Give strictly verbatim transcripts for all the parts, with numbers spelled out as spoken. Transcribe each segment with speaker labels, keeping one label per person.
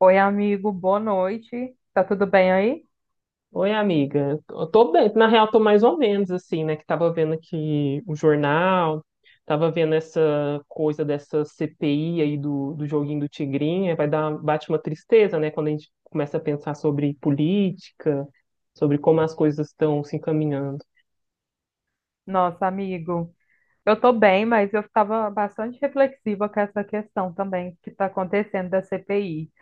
Speaker 1: Oi, amigo, boa noite. Tá tudo bem aí?
Speaker 2: Oi, amiga. Eu tô bem, na real, tô mais ou menos assim, né? Que tava vendo aqui o jornal, tava vendo essa coisa dessa C P I aí do, do joguinho do Tigrinha. Vai dar, bate uma tristeza, né? Quando a gente começa a pensar sobre política, sobre como as coisas estão se encaminhando.
Speaker 1: Nossa, amigo, eu tô bem, mas eu estava bastante reflexiva com essa questão também que está acontecendo da C P I.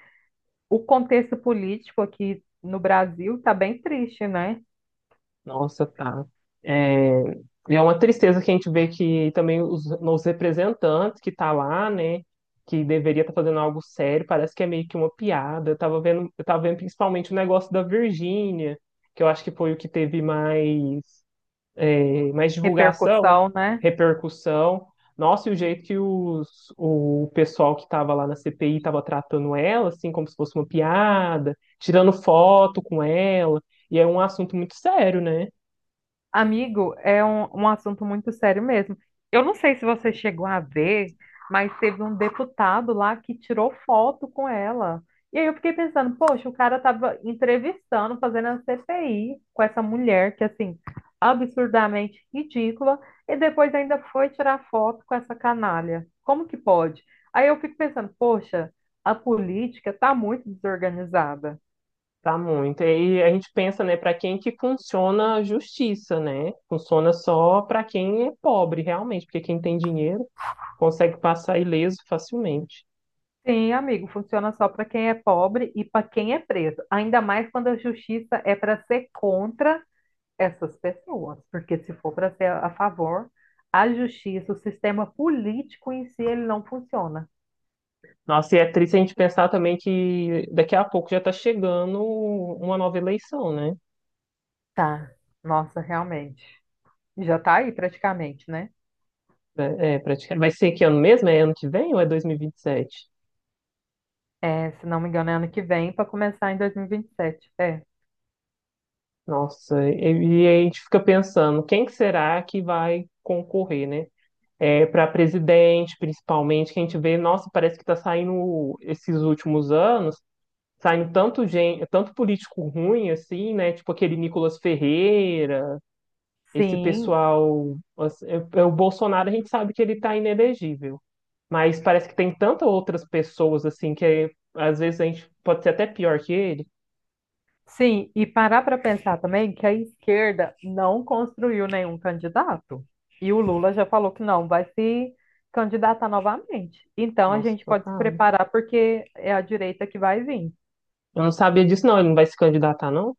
Speaker 1: O contexto político aqui no Brasil tá bem triste, né?
Speaker 2: Nossa, tá. É, e é uma tristeza que a gente vê que também os, os representantes que tá lá, né, que deveria estar fazendo algo sério, parece que é meio que uma piada. Eu tava vendo, eu tava vendo principalmente o negócio da Virgínia, que eu acho que foi o que teve mais, é, mais divulgação,
Speaker 1: Repercussão, né?
Speaker 2: repercussão. Nossa, e o jeito que os, o pessoal que estava lá na C P I estava tratando ela, assim, como se fosse uma piada, tirando foto com ela, e é um assunto muito sério, né?
Speaker 1: Amigo, é um, um assunto muito sério mesmo. Eu não sei se você chegou a ver, mas teve um deputado lá que tirou foto com ela. E aí eu fiquei pensando, poxa, o cara tava entrevistando, fazendo a C P I com essa mulher que, assim, absurdamente ridícula, e depois ainda foi tirar foto com essa canalha. Como que pode? Aí eu fico pensando, poxa, a política tá muito desorganizada.
Speaker 2: Tá muito. E aí a gente pensa, né, para quem que funciona a justiça, né? Funciona só para quem é pobre, realmente, porque quem tem dinheiro consegue passar ileso facilmente.
Speaker 1: Sim, amigo, funciona só para quem é pobre e para quem é preso. Ainda mais quando a justiça é para ser contra essas pessoas, porque se for para ser a favor, a justiça, o sistema político em si, ele não funciona.
Speaker 2: Nossa, e é triste a gente pensar também que daqui a pouco já tá chegando uma nova eleição, né?
Speaker 1: Tá. Nossa, realmente. Já tá aí praticamente, né?
Speaker 2: É, é, praticamente. Vai ser que ano mesmo? É ano que vem ou é dois mil e vinte e sete?
Speaker 1: É, se não me engano, é ano que vem para começar em dois mil e vinte e sete. É.
Speaker 2: Nossa, e, e a gente fica pensando, quem que será que vai concorrer, né? É, para presidente, principalmente, que a gente vê, nossa, parece que está saindo esses últimos anos, saindo tanto gente, tanto político ruim assim, né? Tipo aquele Nicolas Ferreira, esse
Speaker 1: Sim,
Speaker 2: pessoal, assim, é- é o Bolsonaro a gente sabe que ele está inelegível, mas parece que tem tantas outras pessoas assim que é, às vezes a gente pode ser até pior que ele.
Speaker 1: sim, e parar para pensar também que a esquerda não construiu nenhum candidato. E o Lula já falou que não vai se candidatar novamente. Então a
Speaker 2: Nossa,
Speaker 1: gente pode se
Speaker 2: socado.
Speaker 1: preparar porque é a direita que vai vir.
Speaker 2: Eu não sabia disso, não. Ele não vai se candidatar, não?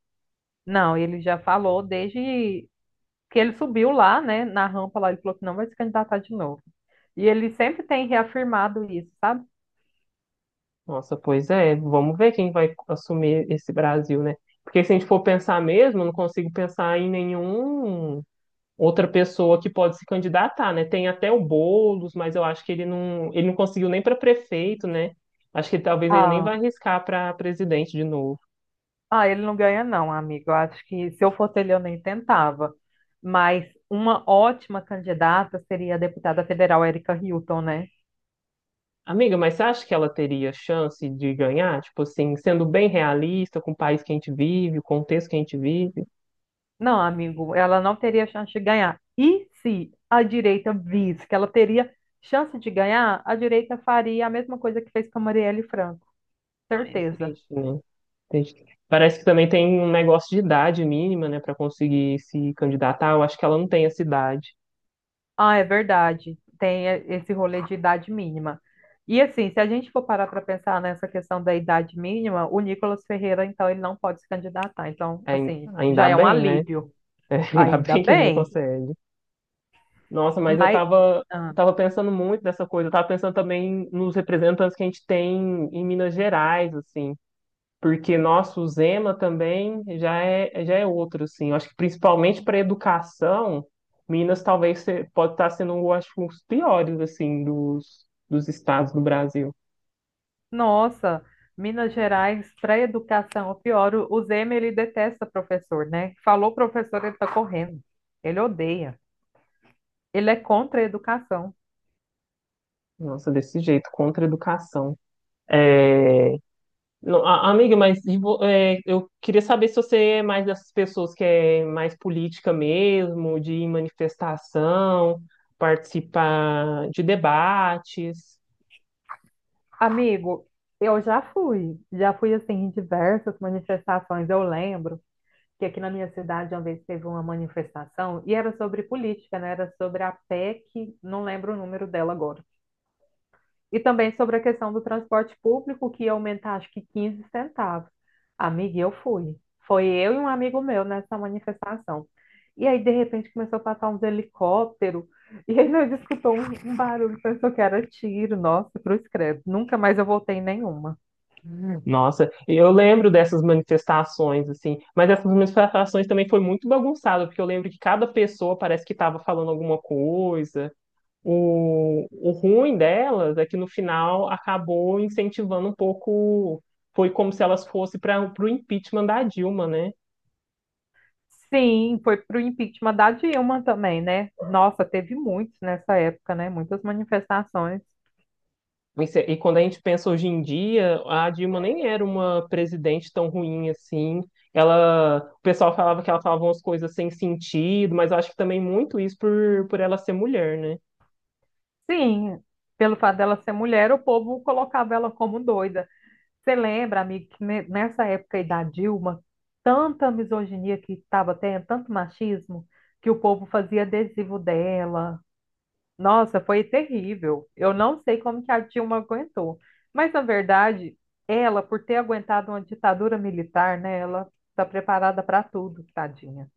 Speaker 1: Não, ele já falou desde que ele subiu lá, né, na rampa lá, ele falou que não vai se candidatar de novo. E ele sempre tem reafirmado isso, sabe?
Speaker 2: Nossa, pois é. Vamos ver quem vai assumir esse Brasil, né? Porque se a gente for pensar mesmo, eu não consigo pensar em nenhum outra pessoa que pode se candidatar, né? Tem até o Boulos, mas eu acho que ele não, ele não conseguiu nem para prefeito, né? Acho que talvez ele nem
Speaker 1: Ah,
Speaker 2: vai arriscar para presidente de novo.
Speaker 1: ah, ele não ganha, não, amigo. Eu acho que se eu fosse ele, eu nem tentava. Mas uma ótima candidata seria a deputada federal Erika Hilton, né?
Speaker 2: Amiga, mas você acha que ela teria chance de ganhar? Tipo assim, sendo bem realista com o país que a gente vive, o contexto que a gente vive?
Speaker 1: Não, amigo, ela não teria chance de ganhar. E se a direita visse que ela teria chance de ganhar, a direita faria a mesma coisa que fez com a Marielle Franco.
Speaker 2: Ai, é
Speaker 1: Certeza.
Speaker 2: triste, né? Entendi. Parece que também tem um negócio de idade mínima, né, para conseguir se candidatar. Eu acho que ela não tem essa idade.
Speaker 1: Ah, é verdade. Tem e- esse rolê de idade mínima. E assim, se a gente for parar para pensar nessa questão da idade mínima, o Nicolas Ferreira, então, ele não pode se candidatar. Então,
Speaker 2: Ai-
Speaker 1: assim, já
Speaker 2: Ainda
Speaker 1: é um
Speaker 2: bem, né?
Speaker 1: alívio.
Speaker 2: É, ainda
Speaker 1: Ainda
Speaker 2: bem que ele não
Speaker 1: bem.
Speaker 2: consegue. Nossa, mas eu
Speaker 1: Mas,
Speaker 2: tava,
Speaker 1: ah,
Speaker 2: eu tava pensando muito nessa coisa. Eu tava pensando também nos representantes que a gente tem em Minas Gerais, assim. Porque nosso Zema também já é, já é outro, assim. Eu acho que principalmente para educação, Minas talvez se- pode estar sendo, eu acho, um dos piores, assim, dos, dos estados do Brasil.
Speaker 1: nossa, Minas Gerais, para educação, o pior, o o Zema, ele detesta professor, né? Falou professor, ele tá correndo. Ele odeia. Ele é contra a educação.
Speaker 2: Nossa, desse jeito, contra a educação. É, não, a- Amiga, mas e vo- é, eu queria saber se você é mais dessas pessoas que é mais política mesmo, de ir em manifestação, participar de debates.
Speaker 1: Amigo, eu já fui, já fui assim em diversas manifestações. Eu lembro que aqui na minha cidade uma vez teve uma manifestação e era sobre política, né? Era sobre a P E C, não lembro o número dela agora. E também sobre a questão do transporte público que ia aumentar acho que quinze centavos. Amiga, eu fui. Foi eu e um amigo meu nessa manifestação. E aí de repente começou a passar uns helicópteros e aí nós escutou um, um barulho, pensou que era tiro. Nossa, cruz credo. Nunca mais eu voltei em nenhuma.
Speaker 2: Hum. Nossa, eu lembro dessas manifestações, assim, mas essas manifestações também foi muito bagunçado, porque eu lembro que cada pessoa parece que estava falando alguma coisa. O, o ruim delas é que no final acabou incentivando um pouco. Foi como se elas fossem para o impeachment da Dilma, né?
Speaker 1: Sim, foi pro impeachment da Dilma também, né? Nossa, teve muitos nessa época, né? Muitas manifestações.
Speaker 2: E, se- E quando a gente pensa hoje em dia, a Dilma nem era uma presidente tão ruim assim. Ela, o pessoal falava que ela falava umas coisas sem sentido, mas eu acho que também muito isso por, por ela ser mulher, né?
Speaker 1: Sim, pelo fato dela ser mulher, o povo colocava ela como doida. Você lembra, amigo, que ne- nessa época aí da Dilma, tanta misoginia que estava tendo, tanto machismo, que o povo fazia adesivo dela. Nossa, foi terrível. Eu não sei como que a Dilma aguentou. Mas, na verdade, ela, por ter aguentado uma ditadura militar, né, ela está preparada para tudo, tadinha.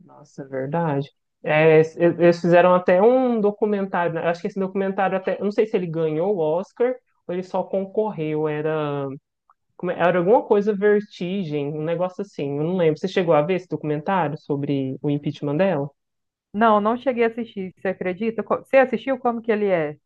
Speaker 2: Nossa, é verdade. É, eles eles fizeram até um documentário, né? Acho que esse documentário até, eu não sei se ele ganhou o Oscar ou ele só concorreu, era, como é- era alguma coisa Vertigem, um negócio assim, eu não lembro. Você chegou a ver esse documentário sobre o impeachment dela?
Speaker 1: Não, não cheguei a assistir, você acredita? Co- Você assistiu como que ele é?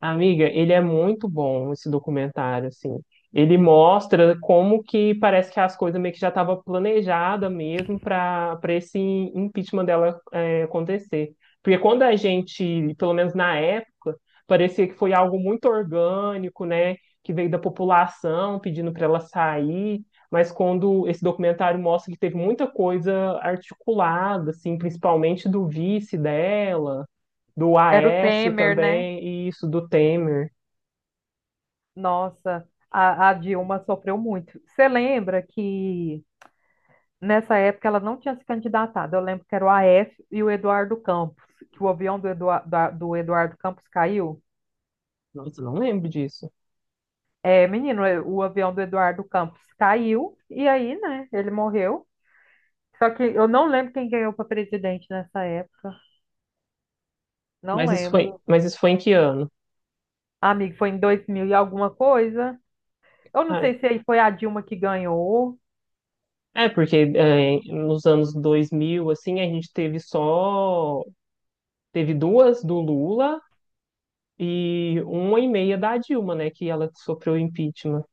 Speaker 2: Amiga, ele é muito bom, esse documentário, assim. Ele mostra como que parece que as coisas meio que já estavam planejadas mesmo para para esse impeachment dela é, acontecer. Porque quando a gente, pelo menos na época, parecia que foi algo muito orgânico, né? Que veio da população pedindo para ela sair. Mas quando esse documentário mostra que teve muita coisa articulada, assim, principalmente do vice dela do
Speaker 1: Era o
Speaker 2: Aécio
Speaker 1: Temer, né?
Speaker 2: também, e isso do Temer.
Speaker 1: Nossa, a, a Dilma sofreu muito. Você lembra que nessa época ela não tinha se candidatado? Eu lembro que era o A F e o Eduardo Campos, que o avião do, Eduar- da- do Eduardo Campos caiu.
Speaker 2: Nossa, eu não lembro disso.
Speaker 1: É, menino, é, o avião do Eduardo Campos caiu e aí, né, ele morreu. Só que eu não lembro quem ganhou para presidente nessa época. Não
Speaker 2: Mas isso foi,
Speaker 1: lembro.
Speaker 2: mas isso foi em que ano?
Speaker 1: Amigo, foi em dois mil e alguma coisa. Eu não
Speaker 2: Ah,
Speaker 1: sei se aí foi a Dilma que ganhou.
Speaker 2: é, porque é, Nos anos dois mil assim, a gente teve só... Teve duas do Lula e uma e meia da Dilma, né? Que ela sofreu impeachment.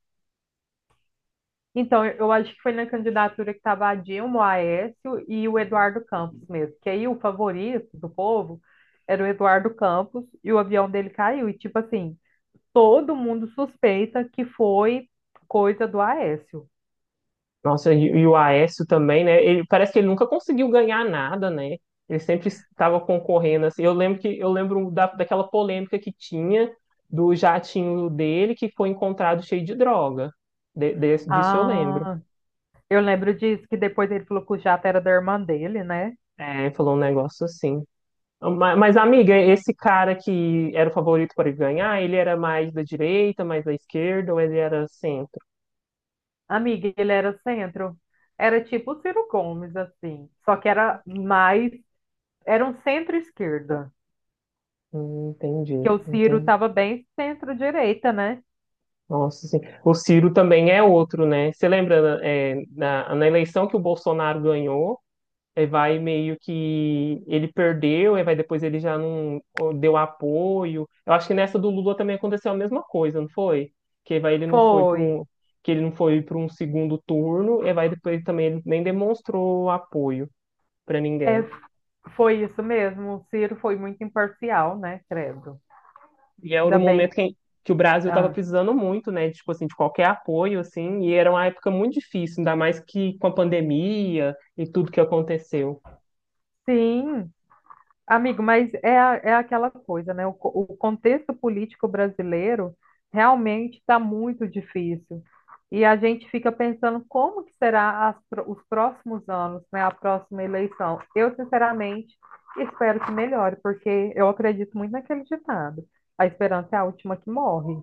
Speaker 1: Então, eu eu acho que foi na candidatura que estava a Dilma, o Aécio e o Eduardo Campos mesmo. Que aí o favorito do povo era o Eduardo Campos e o avião dele caiu. E tipo assim, todo mundo suspeita que foi coisa do Aécio.
Speaker 2: Nossa, e e o Aécio também, né? Ele parece que ele nunca conseguiu ganhar nada, né? Ele sempre estava concorrendo assim. Eu lembro que eu lembro da, daquela polêmica que tinha do jatinho dele que foi encontrado cheio de droga. De- desse- disso eu lembro.
Speaker 1: Ah, eu lembro disso, que depois ele falou que o jato era da irmã dele, né?
Speaker 2: É, falou um negócio assim. Ma- Mas, amiga, esse cara que era o favorito para ganhar, ele era mais da direita, mais da esquerda, ou ele era centro?
Speaker 1: Amiga, ele era centro. Era tipo o Ciro Gomes, assim. Só que era mais. Era um centro-esquerda.
Speaker 2: Hum,
Speaker 1: Que
Speaker 2: entendi,
Speaker 1: o Ciro
Speaker 2: entendi.
Speaker 1: tava bem centro-direita, né?
Speaker 2: Nossa, sim. O Ciro também é outro, né? Você lembra, é, na, na eleição que o Bolsonaro ganhou, é, vai meio que ele perdeu, é, vai depois ele já não ó, deu apoio. Eu acho que nessa do Lula também aconteceu a mesma coisa, não foi? Que vai ele não foi para
Speaker 1: Foi.
Speaker 2: um que ele não foi para um segundo turno, e vai depois também ele nem demonstrou apoio para
Speaker 1: É,
Speaker 2: ninguém.
Speaker 1: foi isso mesmo. O Ciro foi muito imparcial, né? Credo.
Speaker 2: E era um
Speaker 1: Ainda bem.
Speaker 2: momento que, que o Brasil estava
Speaker 1: Ah,
Speaker 2: precisando muito, né? Tipo assim, de qualquer apoio, assim, e era uma época muito difícil, ainda mais que com a pandemia e tudo que aconteceu.
Speaker 1: sim. Amigo, mas é, a- é aquela coisa, né? O, co- o contexto político brasileiro realmente está muito difícil. E a gente fica pensando como que será as pro- os próximos anos, né? A próxima eleição. Eu, sinceramente, espero que melhore, porque eu acredito muito naquele ditado. A esperança é a última que morre.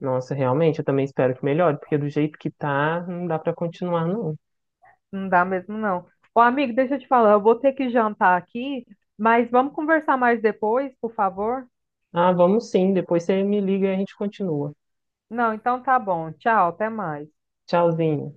Speaker 2: Nossa, realmente, eu também espero que melhore, porque do jeito que tá, não dá para continuar, não.
Speaker 1: Não dá mesmo, não. Ô, amigo, deixa eu te falar, eu vou ter que jantar aqui, mas vamos conversar mais depois, por favor?
Speaker 2: Ah, vamos sim, depois você me liga e a gente continua.
Speaker 1: Não, então tá bom. Tchau, até mais.
Speaker 2: Tchauzinho.